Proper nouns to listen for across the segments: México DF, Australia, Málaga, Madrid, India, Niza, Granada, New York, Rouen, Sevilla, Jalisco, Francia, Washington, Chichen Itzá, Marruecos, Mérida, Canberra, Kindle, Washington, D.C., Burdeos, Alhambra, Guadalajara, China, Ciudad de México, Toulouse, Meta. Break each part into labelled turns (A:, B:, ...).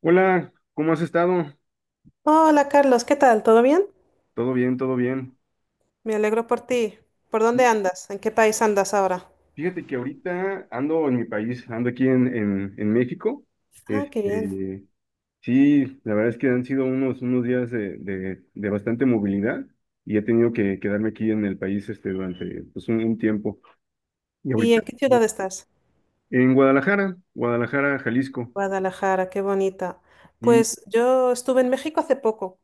A: Hola, ¿cómo has estado?
B: Hola Carlos, ¿qué tal? ¿Todo bien?
A: Todo bien, todo bien.
B: Me alegro por ti. ¿Por dónde andas? ¿En qué país andas ahora?
A: Fíjate que ahorita ando en mi país, ando aquí en México.
B: Ah, qué bien.
A: Este, sí, la verdad es que han sido unos días de bastante movilidad y he tenido que quedarme aquí en el país este, durante pues, un tiempo. Y
B: ¿Y
A: ahorita
B: en qué ciudad estás?
A: en Guadalajara, Guadalajara, Jalisco.
B: Guadalajara, qué bonita.
A: Y,
B: Pues yo estuve en México hace poco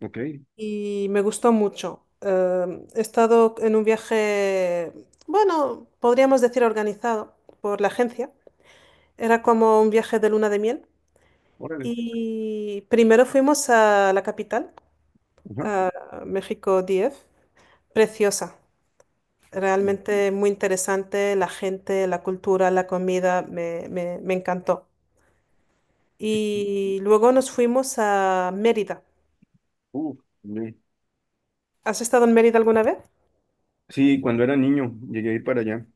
A: ok,
B: y me gustó mucho. He estado en un viaje, bueno, podríamos decir organizado por la agencia. Era como un viaje de luna de miel.
A: órale.
B: Y primero fuimos a la capital,
A: Ajá.
B: a México DF, preciosa. Realmente muy interesante, la gente, la cultura, la comida, me encantó. Y luego nos fuimos a Mérida.
A: Uf, bien.
B: ¿Has estado en Mérida alguna vez?
A: Sí, cuando era niño llegué a ir para allá.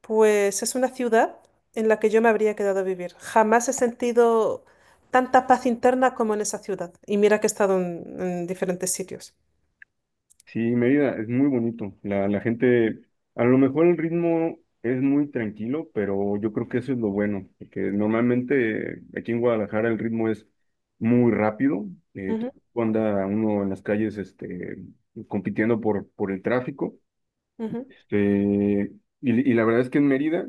B: Pues es una ciudad en la que yo me habría quedado a vivir. Jamás he sentido tanta paz interna como en esa ciudad. Y mira que he estado en diferentes sitios.
A: Sí, Mérida es muy bonito. La gente, a lo mejor el ritmo es muy tranquilo, pero yo creo que eso es lo bueno, porque normalmente aquí en Guadalajara el ritmo es muy rápido. eh,
B: Ujú,
A: Anda uno en las calles compitiendo por el tráfico.
B: ujú.
A: eh, y la verdad es que en Mérida,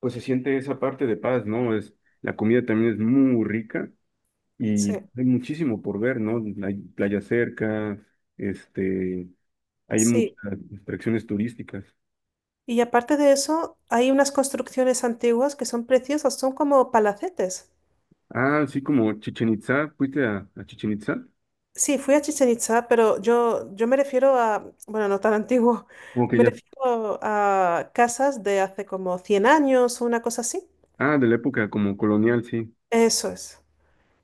A: pues se siente esa parte de paz, ¿no? La comida también es muy rica.
B: Sí,
A: Y hay muchísimo por ver, ¿no? Hay playa cerca, este, hay
B: sí.
A: muchas atracciones turísticas.
B: Y aparte de eso, hay unas construcciones antiguas que son preciosas, son como palacetes.
A: Ah, sí, como Chichen Itzá. ¿Fuiste a Chichen Itzá?
B: Sí, fui a Chichen Itzá, pero yo me refiero a, bueno, no tan antiguo,
A: Como que
B: me
A: ya.
B: refiero a casas de hace como 100 años o una cosa así.
A: Ah, de la época como colonial, sí.
B: Eso es.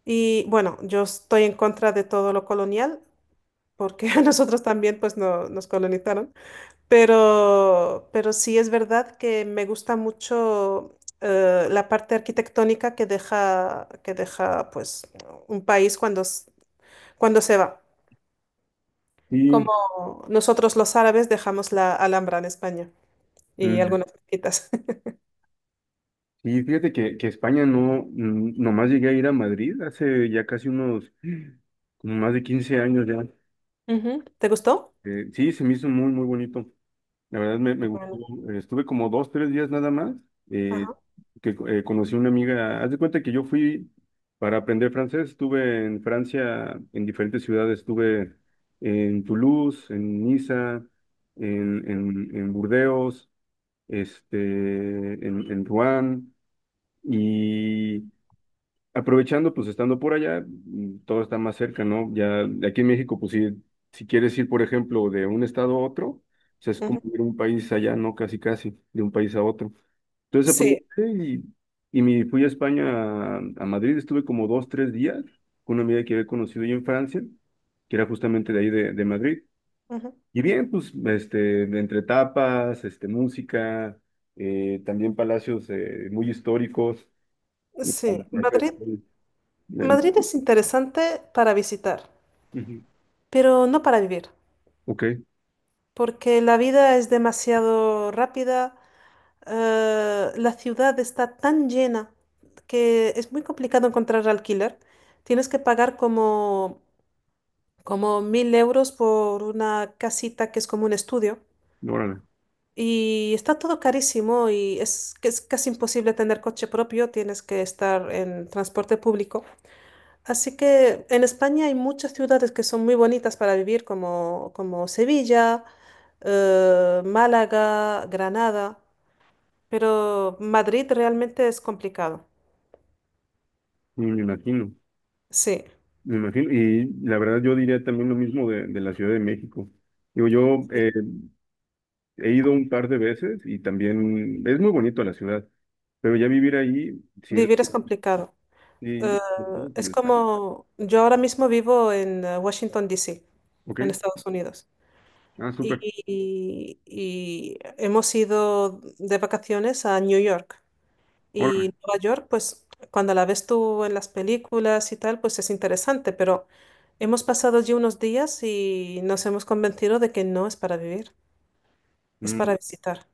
B: Y bueno, yo estoy en contra de todo lo colonial, porque a nosotros también pues no, nos colonizaron, pero sí es verdad que me gusta mucho la parte arquitectónica que deja, pues un país cuando, cuando se va.
A: Y,
B: Como nosotros los árabes dejamos la Alhambra en España y
A: mm,
B: algunas mezquitas.
A: y fíjate que España no, nomás llegué a ir a Madrid hace ya casi como más de 15 años ya.
B: Ujú. ¿Te gustó?
A: Sí, se me hizo muy, muy bonito. La verdad me
B: Te
A: gustó.
B: comento.
A: Estuve como dos, tres días nada más, eh,
B: Ajá,
A: que conocí una amiga. Haz de cuenta que yo fui para aprender francés. Estuve en Francia, en diferentes ciudades. Estuve en Toulouse, en Niza, en Burdeos, este, en Rouen. Y, Aprovechando, pues estando por allá, todo está más cerca, ¿no? Ya de aquí en México, pues si quieres ir, por ejemplo, de un estado a otro, pues es como
B: ujú.
A: ir a un país allá, ¿no? Casi, casi, de un país a otro. Entonces
B: Sí,
A: aproveché y me fui a España, a Madrid, estuve como dos, tres días con una amiga que había conocido yo en Francia, que era justamente de ahí de Madrid.
B: ujú.
A: Y bien, pues entre tapas, música, también palacios muy históricos. A
B: Sí.
A: la plaza
B: Madrid,
A: del Sol.
B: Madrid es interesante para visitar,
A: Ujú.
B: pero no para vivir,
A: Ok,
B: porque la vida es demasiado rápida, la ciudad está tan llena que es muy complicado encontrar alquiler. Tienes que pagar como 1000 € por una casita que es como un estudio.
A: órale.
B: Y está todo carísimo y que es casi imposible tener coche propio, tienes que estar en transporte público. Así que en España hay muchas ciudades que son muy bonitas para vivir, como Sevilla, Málaga, Granada, pero Madrid realmente es complicado.
A: Me imagino,
B: Sí,
A: me imagino. Y la verdad yo diría también lo mismo de la Ciudad de México. Digo, yo
B: sí,
A: he ido un par de veces y también es muy bonito la ciudad, pero ya vivir ahí, sí,
B: vivir es complicado. Eh,
A: sí, sobre todo por
B: es
A: el plan.
B: como yo ahora mismo vivo en Washington, D C,
A: Ok,
B: en Estados Unidos.
A: ah, súper,
B: Y, y hemos ido de vacaciones a New York. Y
A: órale.
B: Nueva York, pues cuando la ves tú en las películas y tal, pues es interesante, pero hemos pasado allí unos días y nos hemos convencido de que no es para vivir, es
A: Mm,
B: para visitar.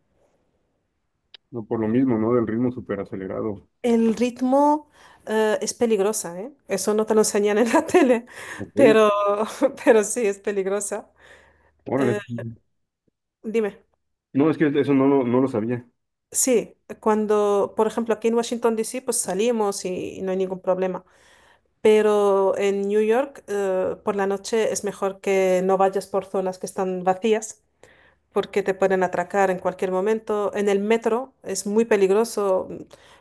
A: no, por lo mismo, ¿no? Del ritmo súper acelerado.
B: El ritmo, es peligrosa, ¿eh? Eso no te lo enseñan en la tele,
A: Ok,
B: pero, pero sí es peligrosa.
A: órale.
B: Eh,
A: Mm.
B: Dime.
A: No, es que eso no, no lo sabía.
B: Sí, cuando, por ejemplo, aquí en Washington, D. C. pues salimos y no hay ningún problema. Pero en New York, por la noche es mejor que no vayas por zonas que están vacías, porque te pueden atracar en cualquier momento. En el metro es muy peligroso.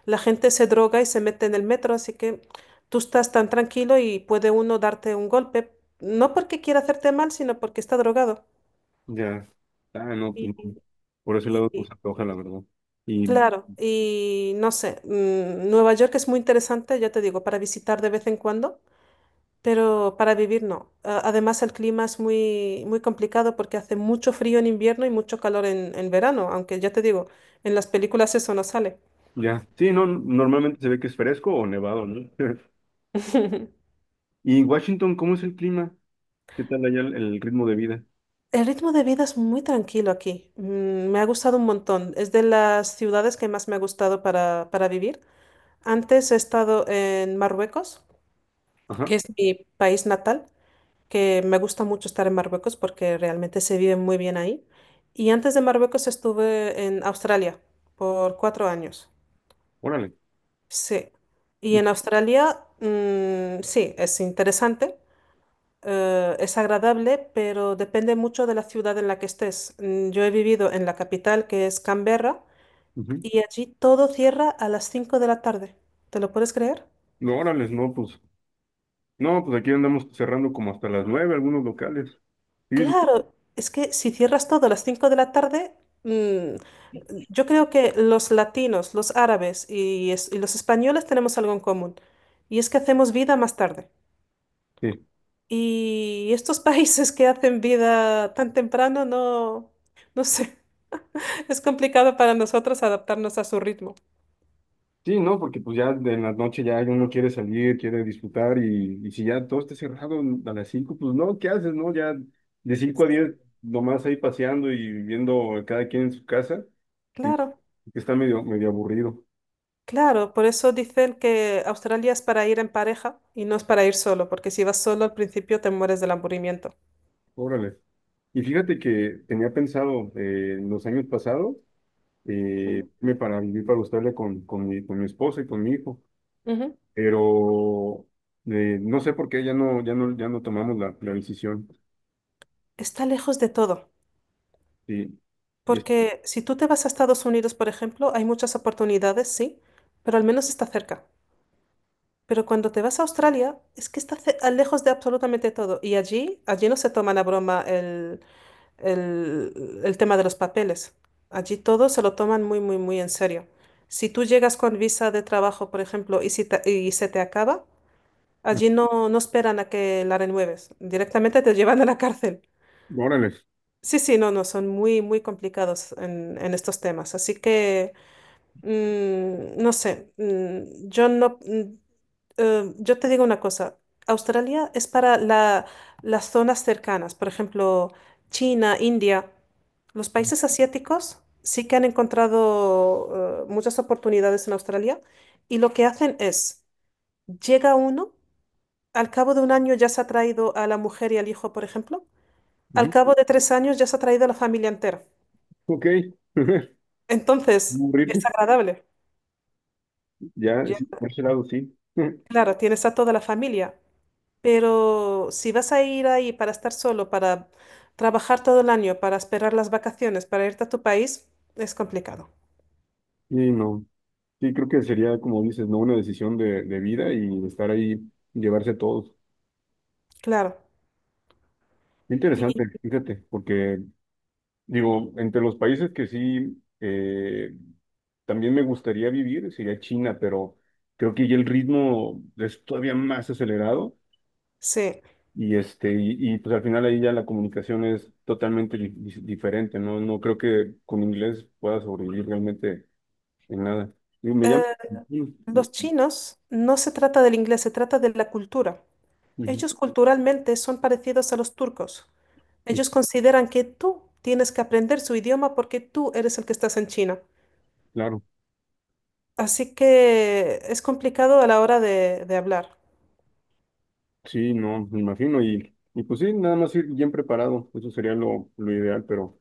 B: La gente se droga y se mete en el metro, así que tú estás tan tranquilo y puede uno darte un golpe, no porque quiera hacerte mal, sino porque está drogado.
A: Ya, ah, no, pues, por ese lado pues
B: Y,
A: se antoja, la verdad. Y
B: claro, y no sé, Nueva York es muy interesante, ya te digo, para visitar de vez en cuando, pero para vivir no. Además, el clima es muy, muy complicado porque hace mucho frío en invierno y mucho calor en verano, aunque ya te digo, en las películas eso no sale.
A: Ya, sí, no, normalmente se ve que es fresco o nevado, ¿no? Y en Washington, ¿cómo es el clima? ¿Qué tal allá el ritmo de vida?
B: El ritmo de vida es muy tranquilo aquí, me ha gustado un montón, es de las ciudades que más me ha gustado para vivir. Antes he estado en Marruecos,
A: Ajá,
B: que es mi país natal. Que me gusta mucho estar en Marruecos porque realmente se vive muy bien ahí. Y antes de Marruecos estuve en Australia por 4 años.
A: órale.
B: Sí. Y en Australia, sí, es interesante, es agradable, pero depende mucho de la ciudad en la que estés. Yo he vivido en la capital, que es Canberra,
A: Ujú.
B: y allí todo cierra a las 5 de la tarde. ¿Te lo puedes creer?
A: No, órale, no, pues, no, pues aquí andamos cerrando como hasta las 9 algunos locales. Sí,
B: Claro, es que si cierras todo a las 5 de la tarde, mm, yo creo que los latinos, los árabes y los españoles tenemos algo en común, y es que hacemos vida más tarde.
A: sí,
B: Y estos países que hacen vida tan temprano, no, no sé, es complicado para nosotros adaptarnos a su ritmo.
A: sí, no, porque pues ya de la noche ya uno quiere salir, quiere disfrutar y si ya todo está cerrado a las 5, pues no, ¿qué haces, no? Ya de 5 a
B: Sí,
A: 10 nomás ahí paseando y viviendo cada quien en su casa, y
B: claro,
A: está medio, medio aburrido.
B: claro, por eso dicen que Australia es para ir en pareja y no es para ir solo, porque si vas solo al principio te mueres del aburrimiento.
A: Órale. Y fíjate que tenía pensado en los años pasados
B: Ujú.
A: irme para vivir para Australia con mi esposa y con mi hijo,
B: Ujú.
A: pero no sé por qué ya no tomamos la decisión.
B: Está lejos de todo,
A: Sí. Y es-
B: porque si tú te vas a Estados Unidos, por ejemplo, hay muchas oportunidades, sí, pero al menos está cerca. Pero cuando te vas a Australia, es que está lejos de absolutamente todo. Y allí, allí no se toman a broma el tema de los papeles. Allí todo se lo toman muy, muy, muy en serio. Si tú llegas con visa de trabajo, por ejemplo, si y se te acaba, allí no, no esperan a que la renueves. Directamente te llevan a la cárcel.
A: Órale.
B: Sí, sí, no, no, son muy, muy complicados en estos temas. Así que, no sé, yo no, mm, yo te digo una cosa, Australia es para la- las zonas cercanas, por ejemplo, China, India, los países asiáticos sí que han encontrado, muchas oportunidades en Australia y lo que hacen es, llega uno, al cabo de un año ya se ha traído a la mujer y al hijo, por ejemplo, al
A: Ujú.
B: cabo de 3 años ya se ha traído a la familia entera.
A: Ok.
B: Entonces, es
A: Morirse.
B: agradable.
A: Ya,
B: Ya,
A: sí, por ese lado sí.
B: claro, tienes a toda la familia, pero si vas a ir ahí para estar solo, para trabajar todo el año, para esperar las vacaciones, para irte a tu país, es complicado.
A: Y no. Sí, creo que sería, como dices, ¿no? Una decisión de vida y estar ahí, llevarse a todos.
B: Claro. Y
A: Interesante, fíjate. Porque Digo, entre los países que sí también me gustaría vivir sería China, pero creo que ya el ritmo es todavía más acelerado
B: sí.
A: y pues al final ahí ya la comunicación es totalmente diferente, ¿no? No creo que con inglés pueda sobrevivir realmente en nada. Y me llama.
B: Eh,
A: Ujú,
B: los
A: ujú,
B: chinos no se trata del inglés, se trata de la cultura.
A: ujú,
B: Ellos culturalmente son parecidos a los turcos. Ellos consideran que tú tienes que aprender su idioma porque tú eres el que estás en China.
A: claro,
B: Así que es complicado a la hora de hablar.
A: sí, no, me imagino y pues sí, nada más ir bien preparado, eso sería lo ideal, pero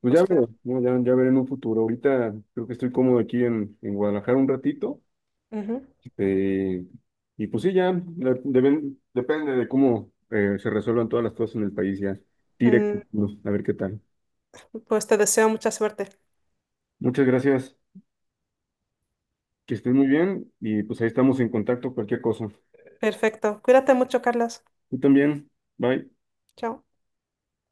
A: pues ya
B: Pues
A: veré,
B: claro.
A: ¿no? Ya veré en un futuro. Ahorita creo que estoy cómodo aquí en Guadalajara un ratito.
B: Ujú.
A: eh, y pues sí, ya depende de cómo se resuelvan todas las cosas en el país ya. Directo,
B: Mm,
A: a ver qué tal.
B: pues te deseo mucha suerte.
A: Muchas gracias, que estén muy bien y pues ahí estamos en contacto, cualquier cosa.
B: Perfecto. Cuídate mucho, Carlos.
A: Tú también, bye.
B: Chao.